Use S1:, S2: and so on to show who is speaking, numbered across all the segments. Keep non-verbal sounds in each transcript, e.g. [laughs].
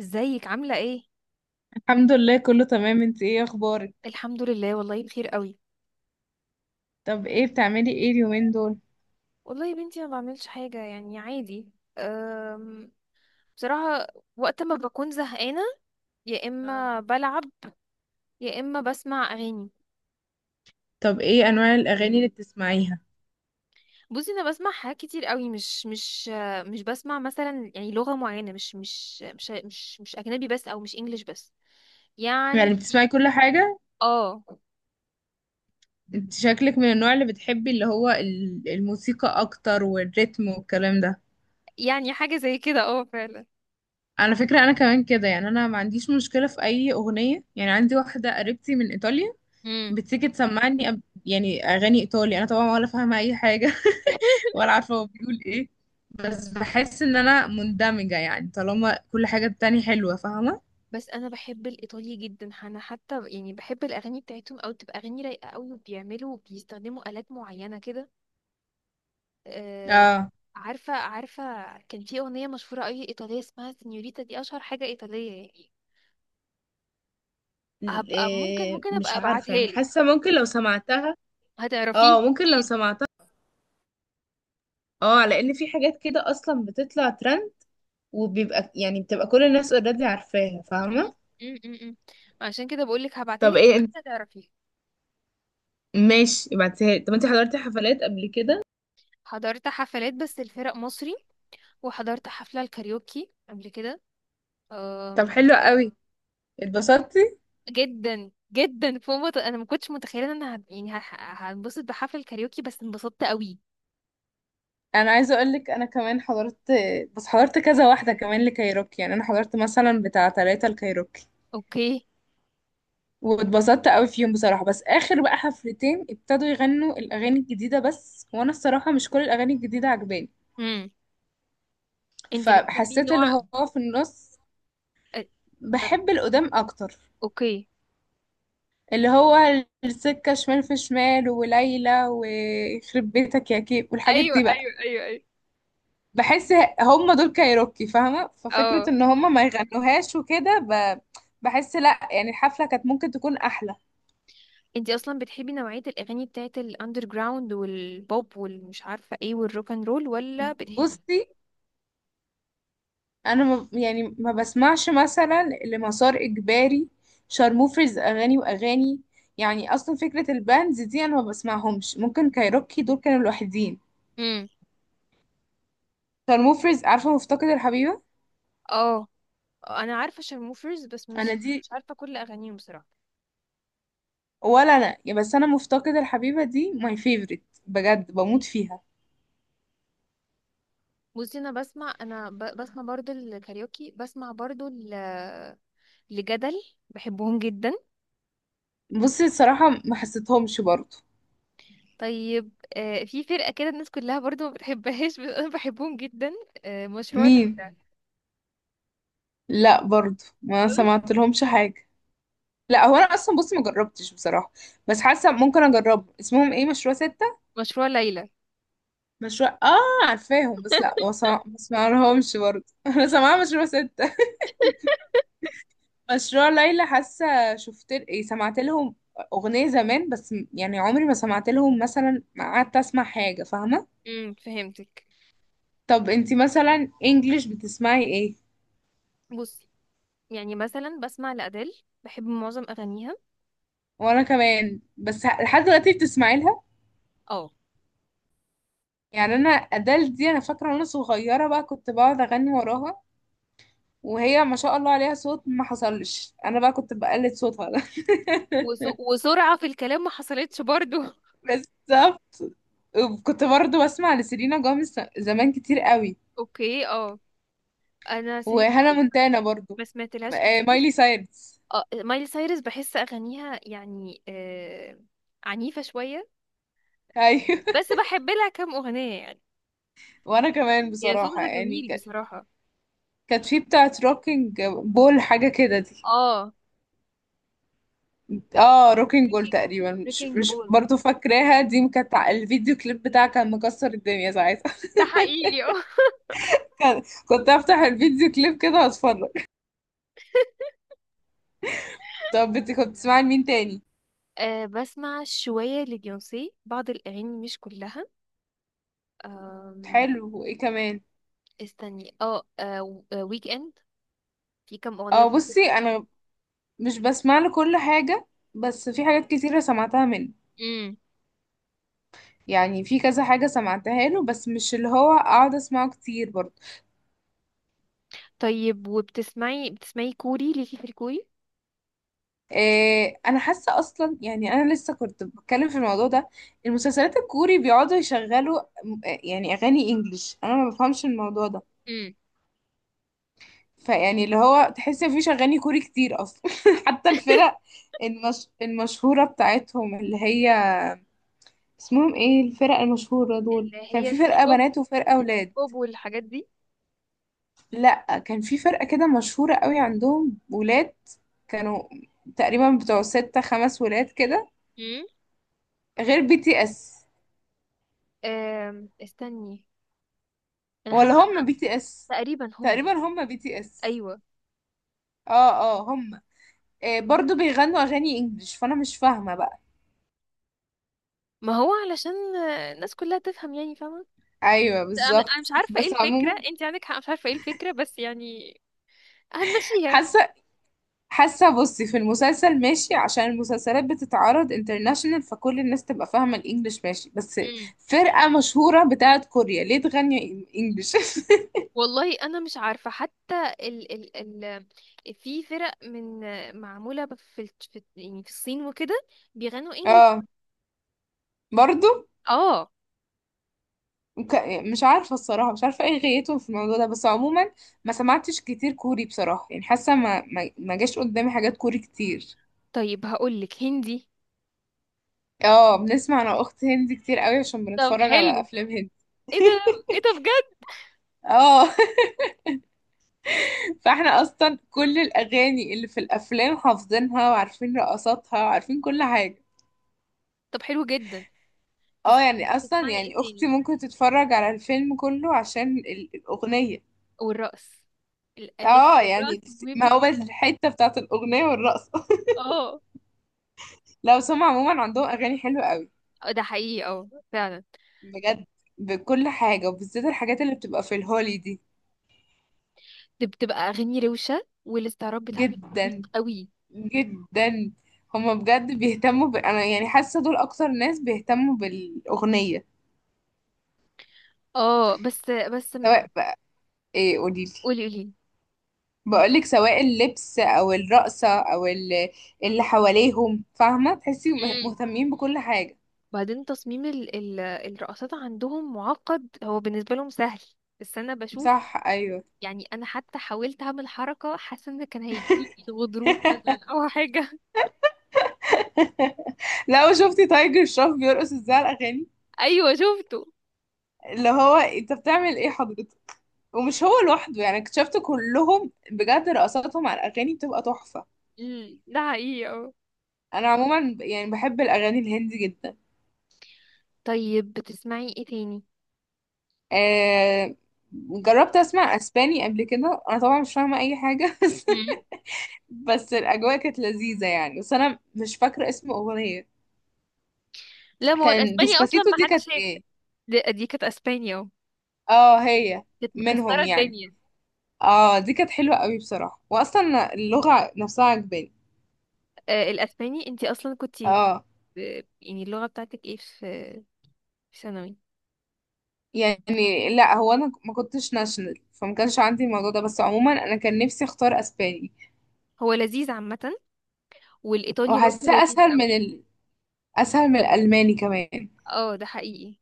S1: ازيك عاملة ايه؟
S2: الحمد لله، كله تمام. انت ايه اخبارك؟
S1: الحمد لله والله بخير قوي.
S2: طب ايه بتعملي ايه اليومين دول؟
S1: والله يا بنتي ما بعملش حاجة يعني عادي. أم... بصراحة، وقت ما بكون زهقانة يا
S2: اه.
S1: اما بلعب يا اما بسمع اغاني.
S2: طب ايه انواع الاغاني اللي بتسمعيها؟
S1: بصي، انا بسمع حاجات كتير قوي، مش مش بسمع مثلا يعني لغة معينة، مش اجنبي بس او مش انجليش بس يعني.
S2: يعني بتسمعي كل حاجة؟
S1: اه،
S2: انت شكلك من النوع اللي بتحبي اللي هو الموسيقى اكتر، والريتم والكلام ده.
S1: يعني حاجة زي كده اه فعلا.
S2: على فكرة انا كمان كده. يعني انا ما عنديش مشكلة في اي اغنية، يعني عندي واحدة قريبتي من ايطاليا
S1: امم.
S2: بتيجي تسمعني يعني اغاني ايطالي، انا طبعا ولا فاهمة اي حاجة.
S1: [laughs]
S2: [laughs] ولا عارفة هو بيقول ايه. بس بحس ان انا مندمجة، يعني طالما كل حاجة التانية حلوة. فاهمة؟
S1: بس انا بحب الايطالي جدا، انا حتى يعني بحب الاغاني بتاعتهم، او تبقى اغاني رايقه قوي وبيعملوا بيستخدموا الات معينه كده. أه،
S2: اه.
S1: عارفه عارفه. كان في اغنيه مشهوره قوي ايطاليه اسمها سينيوريتا، دي اشهر حاجه ايطاليه يعني. هبقى ممكن
S2: إيه،
S1: ابقى
S2: مش عارفة.
S1: ابعتها
S2: يعني
S1: لك،
S2: حاسة ممكن لو سمعتها.
S1: هتعرفيه
S2: اه، ممكن لو
S1: اكيد.
S2: سمعتها. اه، لان في حاجات كده اصلا بتطلع ترند، وبيبقى يعني بتبقى كل الناس اوريدي عارفاها.
S1: م-
S2: فاهمة؟
S1: م- م- م. عشان كده بقول لك هبعتها
S2: طب
S1: لك،
S2: ايه انت؟
S1: هتعرفيه.
S2: ماشي، ابعتيها لي. طب انت حضرتي حفلات قبل كده؟
S1: حضرت حفلات بس الفرق مصري، وحضرت حفله الكاريوكي قبل كده.
S2: طب حلو قوي. اتبسطتي؟
S1: جدا جدا، انا ما كنتش متخيله ان يعني هنبسط بحفل كاريوكي، بس انبسطت قوي.
S2: انا عايزه اقول لك انا كمان حضرت. بس حضرت كذا واحده كمان لكايروكي. يعني انا حضرت مثلا بتاع 3 لكايروكي.
S1: اوكي.
S2: واتبسطت قوي فيهم بصراحة. بس آخر بقى حفلتين ابتدوا يغنوا الأغاني الجديدة بس، وأنا الصراحة مش كل الأغاني الجديدة عجباني.
S1: امم. انت بتحبي
S2: فحسيت
S1: نوع
S2: اللي هو في النص.
S1: أ-
S2: بحب
S1: أ-
S2: القدام أكتر.
S1: اوكي.
S2: اللي هو السكة شمال، في شمال، وليلى، ويخرب بيتك يا كيك، والحاجات
S1: ايوه
S2: دي بقى.
S1: ايوه ايوه ايوه،
S2: بحس هم دول كايروكي، فاهمة.
S1: اه.
S2: ففكرة ان هم ما يغنوهاش وكده بحس لا، يعني الحفلة كانت ممكن تكون أحلى.
S1: انت اصلا بتحبي نوعيه الاغاني بتاعت الاندر جراوند والبوب والمش عارفه ايه والروك اند رول، ولا بتحبي؟
S2: بصي انا ما يعني ما بسمعش مثلا لمسار اجباري، شارموفرز، اغاني واغاني. يعني اصلا فكره الباندز دي انا ما بسمعهمش. ممكن كايروكي دول كانوا لوحدين.
S1: امم.
S2: شارموفرز، عارفه مفتقد الحبيبه؟
S1: اه، انا عارفه شارموفرز، بس
S2: انا
S1: مش
S2: دي،
S1: مش عارفه كل اغانيهم بصراحه.
S2: ولا انا يا، بس انا مفتقد الحبيبه دي ماي فيفورت. بجد بموت فيها.
S1: بصي، انا بسمع، بسمع برضو الكاريوكي، بسمع برضو لجدل، بحبهم جدا.
S2: بصي الصراحه ما حسيتهمش برضو.
S1: طيب. آه، في فرقة كده الناس كلها برضو ما بتحبهاش بس أنا بحبهم جدا، آه مشروع
S2: مين؟
S1: ليلى.
S2: لا، برضو ما
S1: خالص.
S2: سمعت لهمش حاجه. لا،
S1: أوف.
S2: هو انا اصلا بصي ما جربتش بصراحه. بس حاسه ممكن اجرب. اسمهم ايه؟ مشروع ست،
S1: مشروع ليلى.
S2: مشروع، اه، عارفاهم. بس لا، ما سمعلهمش برضه. [laughs] انا سامعه مشروع ستة. مشروع ليلى حاسه شفت؟ ايه، سمعت لهم اغنيه زمان. بس يعني عمري ما سمعت لهم مثلا، ما قعدت اسمع حاجه. فاهمه؟
S1: فهمتك.
S2: طب انتي مثلا انجليش بتسمعي ايه؟
S1: بصي، يعني مثلا بسمع لأديل، بحب معظم أغانيها.
S2: وانا كمان. بس لحد دلوقتي بتسمعي لها؟
S1: اه.
S2: يعني انا ادال دي انا فاكره، وانا صغيره بقى كنت بقعد اغني وراها. وهي ما شاء الله عليها صوت ما حصلش. انا بقى كنت بقلد صوتها ده.
S1: وسرعة في الكلام ما حصلتش برضو. [laughs]
S2: [laughs] بس كنت برضو بسمع لسيلينا جوميز زمان كتير قوي.
S1: اوكي اه. انا سيلينا
S2: وهانا
S1: جوميز
S2: مونتانا برضو.
S1: ما سمعتلهاش كتير.
S2: مايلي سايرس.
S1: اه مايلي سايرس، بحس اغانيها يعني آه عنيفة شوية،
S2: ايوه. [laughs]
S1: بس بحب لها كام اغنية يعني.
S2: وانا كمان
S1: يا
S2: بصراحة
S1: صوتها
S2: يعني
S1: جميل بصراحة.
S2: كانت في بتاعت روكينج بول، حاجة كده دي.
S1: اه
S2: اه، روكينج بول
S1: بريكنج،
S2: تقريبا. مش
S1: بريكنج
S2: مش
S1: بول
S2: برضو فاكراها. دي كانت الفيديو كليب بتاعها كان مكسر الدنيا ساعتها.
S1: ده حقيقي. [laughs] اه.
S2: [laughs] كان- كنت افتح الفيديو كليب كده واتفرج. طب انت كنت بتسمعي لمين تاني؟
S1: آه، بسمع شوية لبيونسي، بعض الأغاني مش كلها. آم،
S2: حلو، وايه كمان؟
S1: استني اه. آه، ويك اند. في كام أغنية
S2: اه،
S1: في
S2: بصي
S1: الويك اند.
S2: انا مش بسمع له كل حاجة. بس في حاجات كتيرة سمعتها منه.
S1: امم.
S2: يعني في كذا حاجة سمعتها له، بس مش اللي هو اقعد اسمعه كتير برضه.
S1: طيب، وبتسمعي كوري، ليكي في الكوري؟
S2: إيه، انا حاسة اصلا يعني انا لسه كنت بتكلم في الموضوع ده. المسلسلات الكوري بيقعدوا يشغلوا يعني اغاني انجليش، انا ما بفهمش الموضوع ده.
S1: امم.
S2: فيعني اللي هو تحس ان مفيش اغاني كوري كتير اصلا. [laughs] حتى الفرق
S1: [laughs]
S2: المشهورة بتاعتهم، اللي هي اسمهم ايه الفرق المشهورة دول،
S1: اللي
S2: كان
S1: هي
S2: في
S1: الكي
S2: فرقة
S1: بوب،
S2: بنات وفرقة ولاد.
S1: البوب والحاجات دي.
S2: لا، كان في فرقة كده مشهورة قوي عندهم، ولاد، كانوا تقريبا بتوع ستة، 5 ولاد كده.
S1: امم.
S2: غير بي تي اس.
S1: آم، استني. أنا
S2: ولا
S1: حاسة
S2: هم بي تي اس؟
S1: تقريبا
S2: تقريبا
S1: هم.
S2: هم بي تي اس.
S1: أيوة.
S2: اه، اه، هم. آه، برضو بيغنوا اغاني انجلش، فانا مش فاهمة بقى.
S1: ما هو علشان الناس كلها تفهم يعني فاهمة.
S2: ايوه
S1: انا
S2: بالظبط.
S1: مش عارفه ايه
S2: بس
S1: الفكره،
S2: عموما
S1: انت عندك حق، مش عارفه ايه الفكره، بس يعني هنمشيها.
S2: حاسة حاسة بصي في المسلسل ماشي، عشان المسلسلات بتتعرض انترناشونال، فكل الناس تبقى فاهمة الانجليش. ماشي، بس
S1: امم.
S2: فرقة مشهورة بتاعت كوريا ليه تغني انجلش؟
S1: والله انا مش عارفه حتى. ال ال ال في فرق من معموله في يعني في الصين وكده بيغنوا انجلش.
S2: اه. [laughs] برضو.
S1: اه.
S2: وك- مش عارفة الصراحة، مش عارفة ايه غايتهم في الموضوع ده. بس عموما ما سمعتش كتير كوري بصراحة، يعني حاسة ما جاش قدامي حاجات كوري كتير.
S1: طيب هقول لك هندي.
S2: اه، بنسمع انا واخت هندي كتير قوي، عشان
S1: طب
S2: بنتفرج على
S1: حلو،
S2: افلام هندي.
S1: ايه ده، ايه ده بجد.
S2: اه. [laughs] فاحنا اصلا كل الاغاني اللي في الافلام حافظينها، وعارفين رقصاتها، وعارفين كل حاجة.
S1: طب حلو جدا.
S2: اه
S1: تسمعي،
S2: يعني اصلا،
S1: تسمعي ايه
S2: يعني اختي
S1: تاني.
S2: ممكن تتفرج على الفيلم كله عشان الاغنية.
S1: والرقص، الاغاني،
S2: اه يعني،
S1: الرقص مهم
S2: ما هو
S1: جدا.
S2: بس الحتة بتاعت الاغنية والرقص.
S1: اه
S2: لا، بس هم عموما عندهم اغاني حلوه قوي.
S1: ده حقيقي اه فعلا.
S2: بجد بكل حاجه، وبالذات الحاجات اللي بتبقى في الهولي دي.
S1: دي بتبقى اغاني روشه والاستعراض بتاعها بيبقى عميق
S2: جدا،
S1: قوي.
S2: جدا. هم بجد بيهتموا انا يعني حاسه دول اكتر ناس بيهتموا بالاغنيه.
S1: اه، بس بس
S2: سواء بقى، ايه، قوليلي.
S1: قولي قولي.
S2: بقولك سواء اللبس او الرقصه او اللي حواليهم، فاهمه، تحسي
S1: امم.
S2: مهتمين بكل حاجه.
S1: بعدين تصميم ال ال الرقصات عندهم معقد، هو بالنسبه لهم سهل بس انا بشوف.
S2: صح، ايوه.
S1: يعني انا حتى حاولت اعمل حركه، حاسه ان كان هيجيلي غضروف مثلا او حاجه.
S2: [laughs] لو شفتي تايجر شروف بيرقص ازاي على الاغاني،
S1: [laughs] ايوه شفته.
S2: اللي هو انت بتعمل ايه حضرتك؟ ومش هو لوحده، يعني اكتشفت كلهم بجد رقصاتهم على الاغاني بتبقى تحفه.
S1: مم، ده حقيقي اه.
S2: انا عموما يعني بحب الاغاني الهندي جدا.
S1: طيب بتسمعي ايه تاني؟
S2: آه جربت اسمع اسباني قبل كده، انا طبعا مش فاهمه اي حاجه. [laughs] بس
S1: مم.
S2: بس الاجواء كانت لذيذه يعني، بس انا مش فاكره اسم اغنيه.
S1: لا، ما هو
S2: كان
S1: الاسباني اصلا
S2: ديسباسيتو،
S1: ما
S2: دي
S1: حدش
S2: كانت
S1: شاف.
S2: ايه؟
S1: دي كانت اسبانيا اهو،
S2: اه، هي
S1: كانت
S2: منهم
S1: مكسره
S2: يعني.
S1: الدنيا.
S2: اه، دي كانت حلوه قوي بصراحه، واصلا اللغه نفسها عجباني.
S1: آه، الاسباني، انتي اصلا كنت
S2: اه
S1: يعني اللغه بتاعتك ايه في في ثانوي؟
S2: يعني لا، هو انا ما كنتش ناشونال فما كانش عندي الموضوع ده. بس عموما انا كان نفسي اختار اسباني.
S1: هو لذيذ عامه، والايطالي برضه
S2: وحاساه
S1: لذيذ قوي.
S2: اسهل من الالماني كمان.
S1: اه ده حقيقي.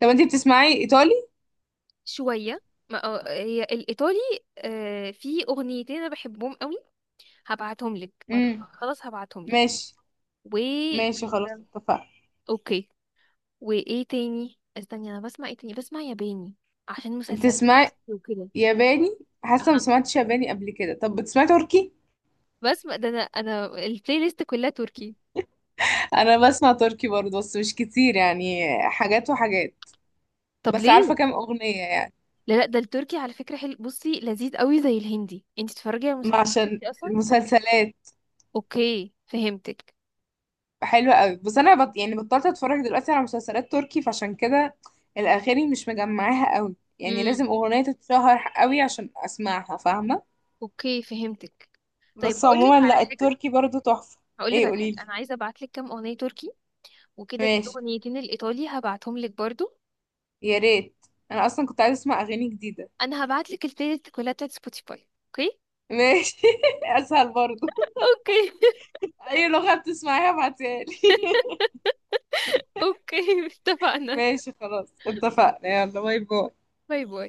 S2: طب انتي بتسمعي ايطالي؟
S1: شويه. ما هي الايطالي. آه، في اغنيتين انا بحبهم قوي، هبعتهم لك بعد،
S2: امم
S1: خلاص هبعتهم لك.
S2: ماشي.
S1: و
S2: ماشي، خلاص
S1: تمام.
S2: اتفقنا.
S1: اوكي. وايه تاني، استني، انا بسمع ايه تاني؟ بسمع ياباني عشان مسلسلات. [laughs]
S2: بتسمعي
S1: الأكل وكده.
S2: ياباني؟ حاسه ما
S1: اها.
S2: سمعتش ياباني قبل كده. طب بتسمعي تركي؟
S1: بسمع ده، انا البلاي ليست كلها تركي.
S2: انا بسمع تركي برضه بس مش كتير يعني، حاجات وحاجات.
S1: طب
S2: بس عارفه
S1: ليه؟
S2: كام اغنيه يعني.
S1: لا لا، ده التركي على فكرة حلو، بصي لذيذ قوي زي الهندي، انت تتفرجي على مسلسلات
S2: عشان
S1: تركي اصلا.
S2: المسلسلات
S1: اوكي فهمتك.
S2: حلوة قوي. بس انا يعني بطلت اتفرج دلوقتي على مسلسلات تركي، فعشان كده الاغاني مش مجمعاها قوي. يعني لازم
S1: امم.
S2: اغنية تتشهر قوي عشان اسمعها. فاهمة؟
S1: اوكي فهمتك. طيب
S2: بس
S1: هقول
S2: عموما
S1: لك على
S2: لا،
S1: حاجة،
S2: التركي برضو تحفة.
S1: هقول لك
S2: ايه،
S1: على حاجة،
S2: قوليلي.
S1: انا عايزة ابعت لك كام اغنية تركي، وكده في
S2: ماشي،
S1: اغنيتين الايطالي هبعتهم لك برضو.
S2: يا ريت. انا اصلا كنت عايزة اسمع اغاني جديدة.
S1: انا هبعت لك البلاي ليست كلها بتاعت سبوتيفاي، اوكي.
S2: ماشي. [laughs] اسهل برضو.
S1: اوكي.
S2: اي لغة بتسمعيها ابعتيها لي.
S1: [laughs] اوكي
S2: [laughs]
S1: اتفقنا.
S2: ماشي، خلاص اتفقنا. يلا، باي باي.
S1: باي باي.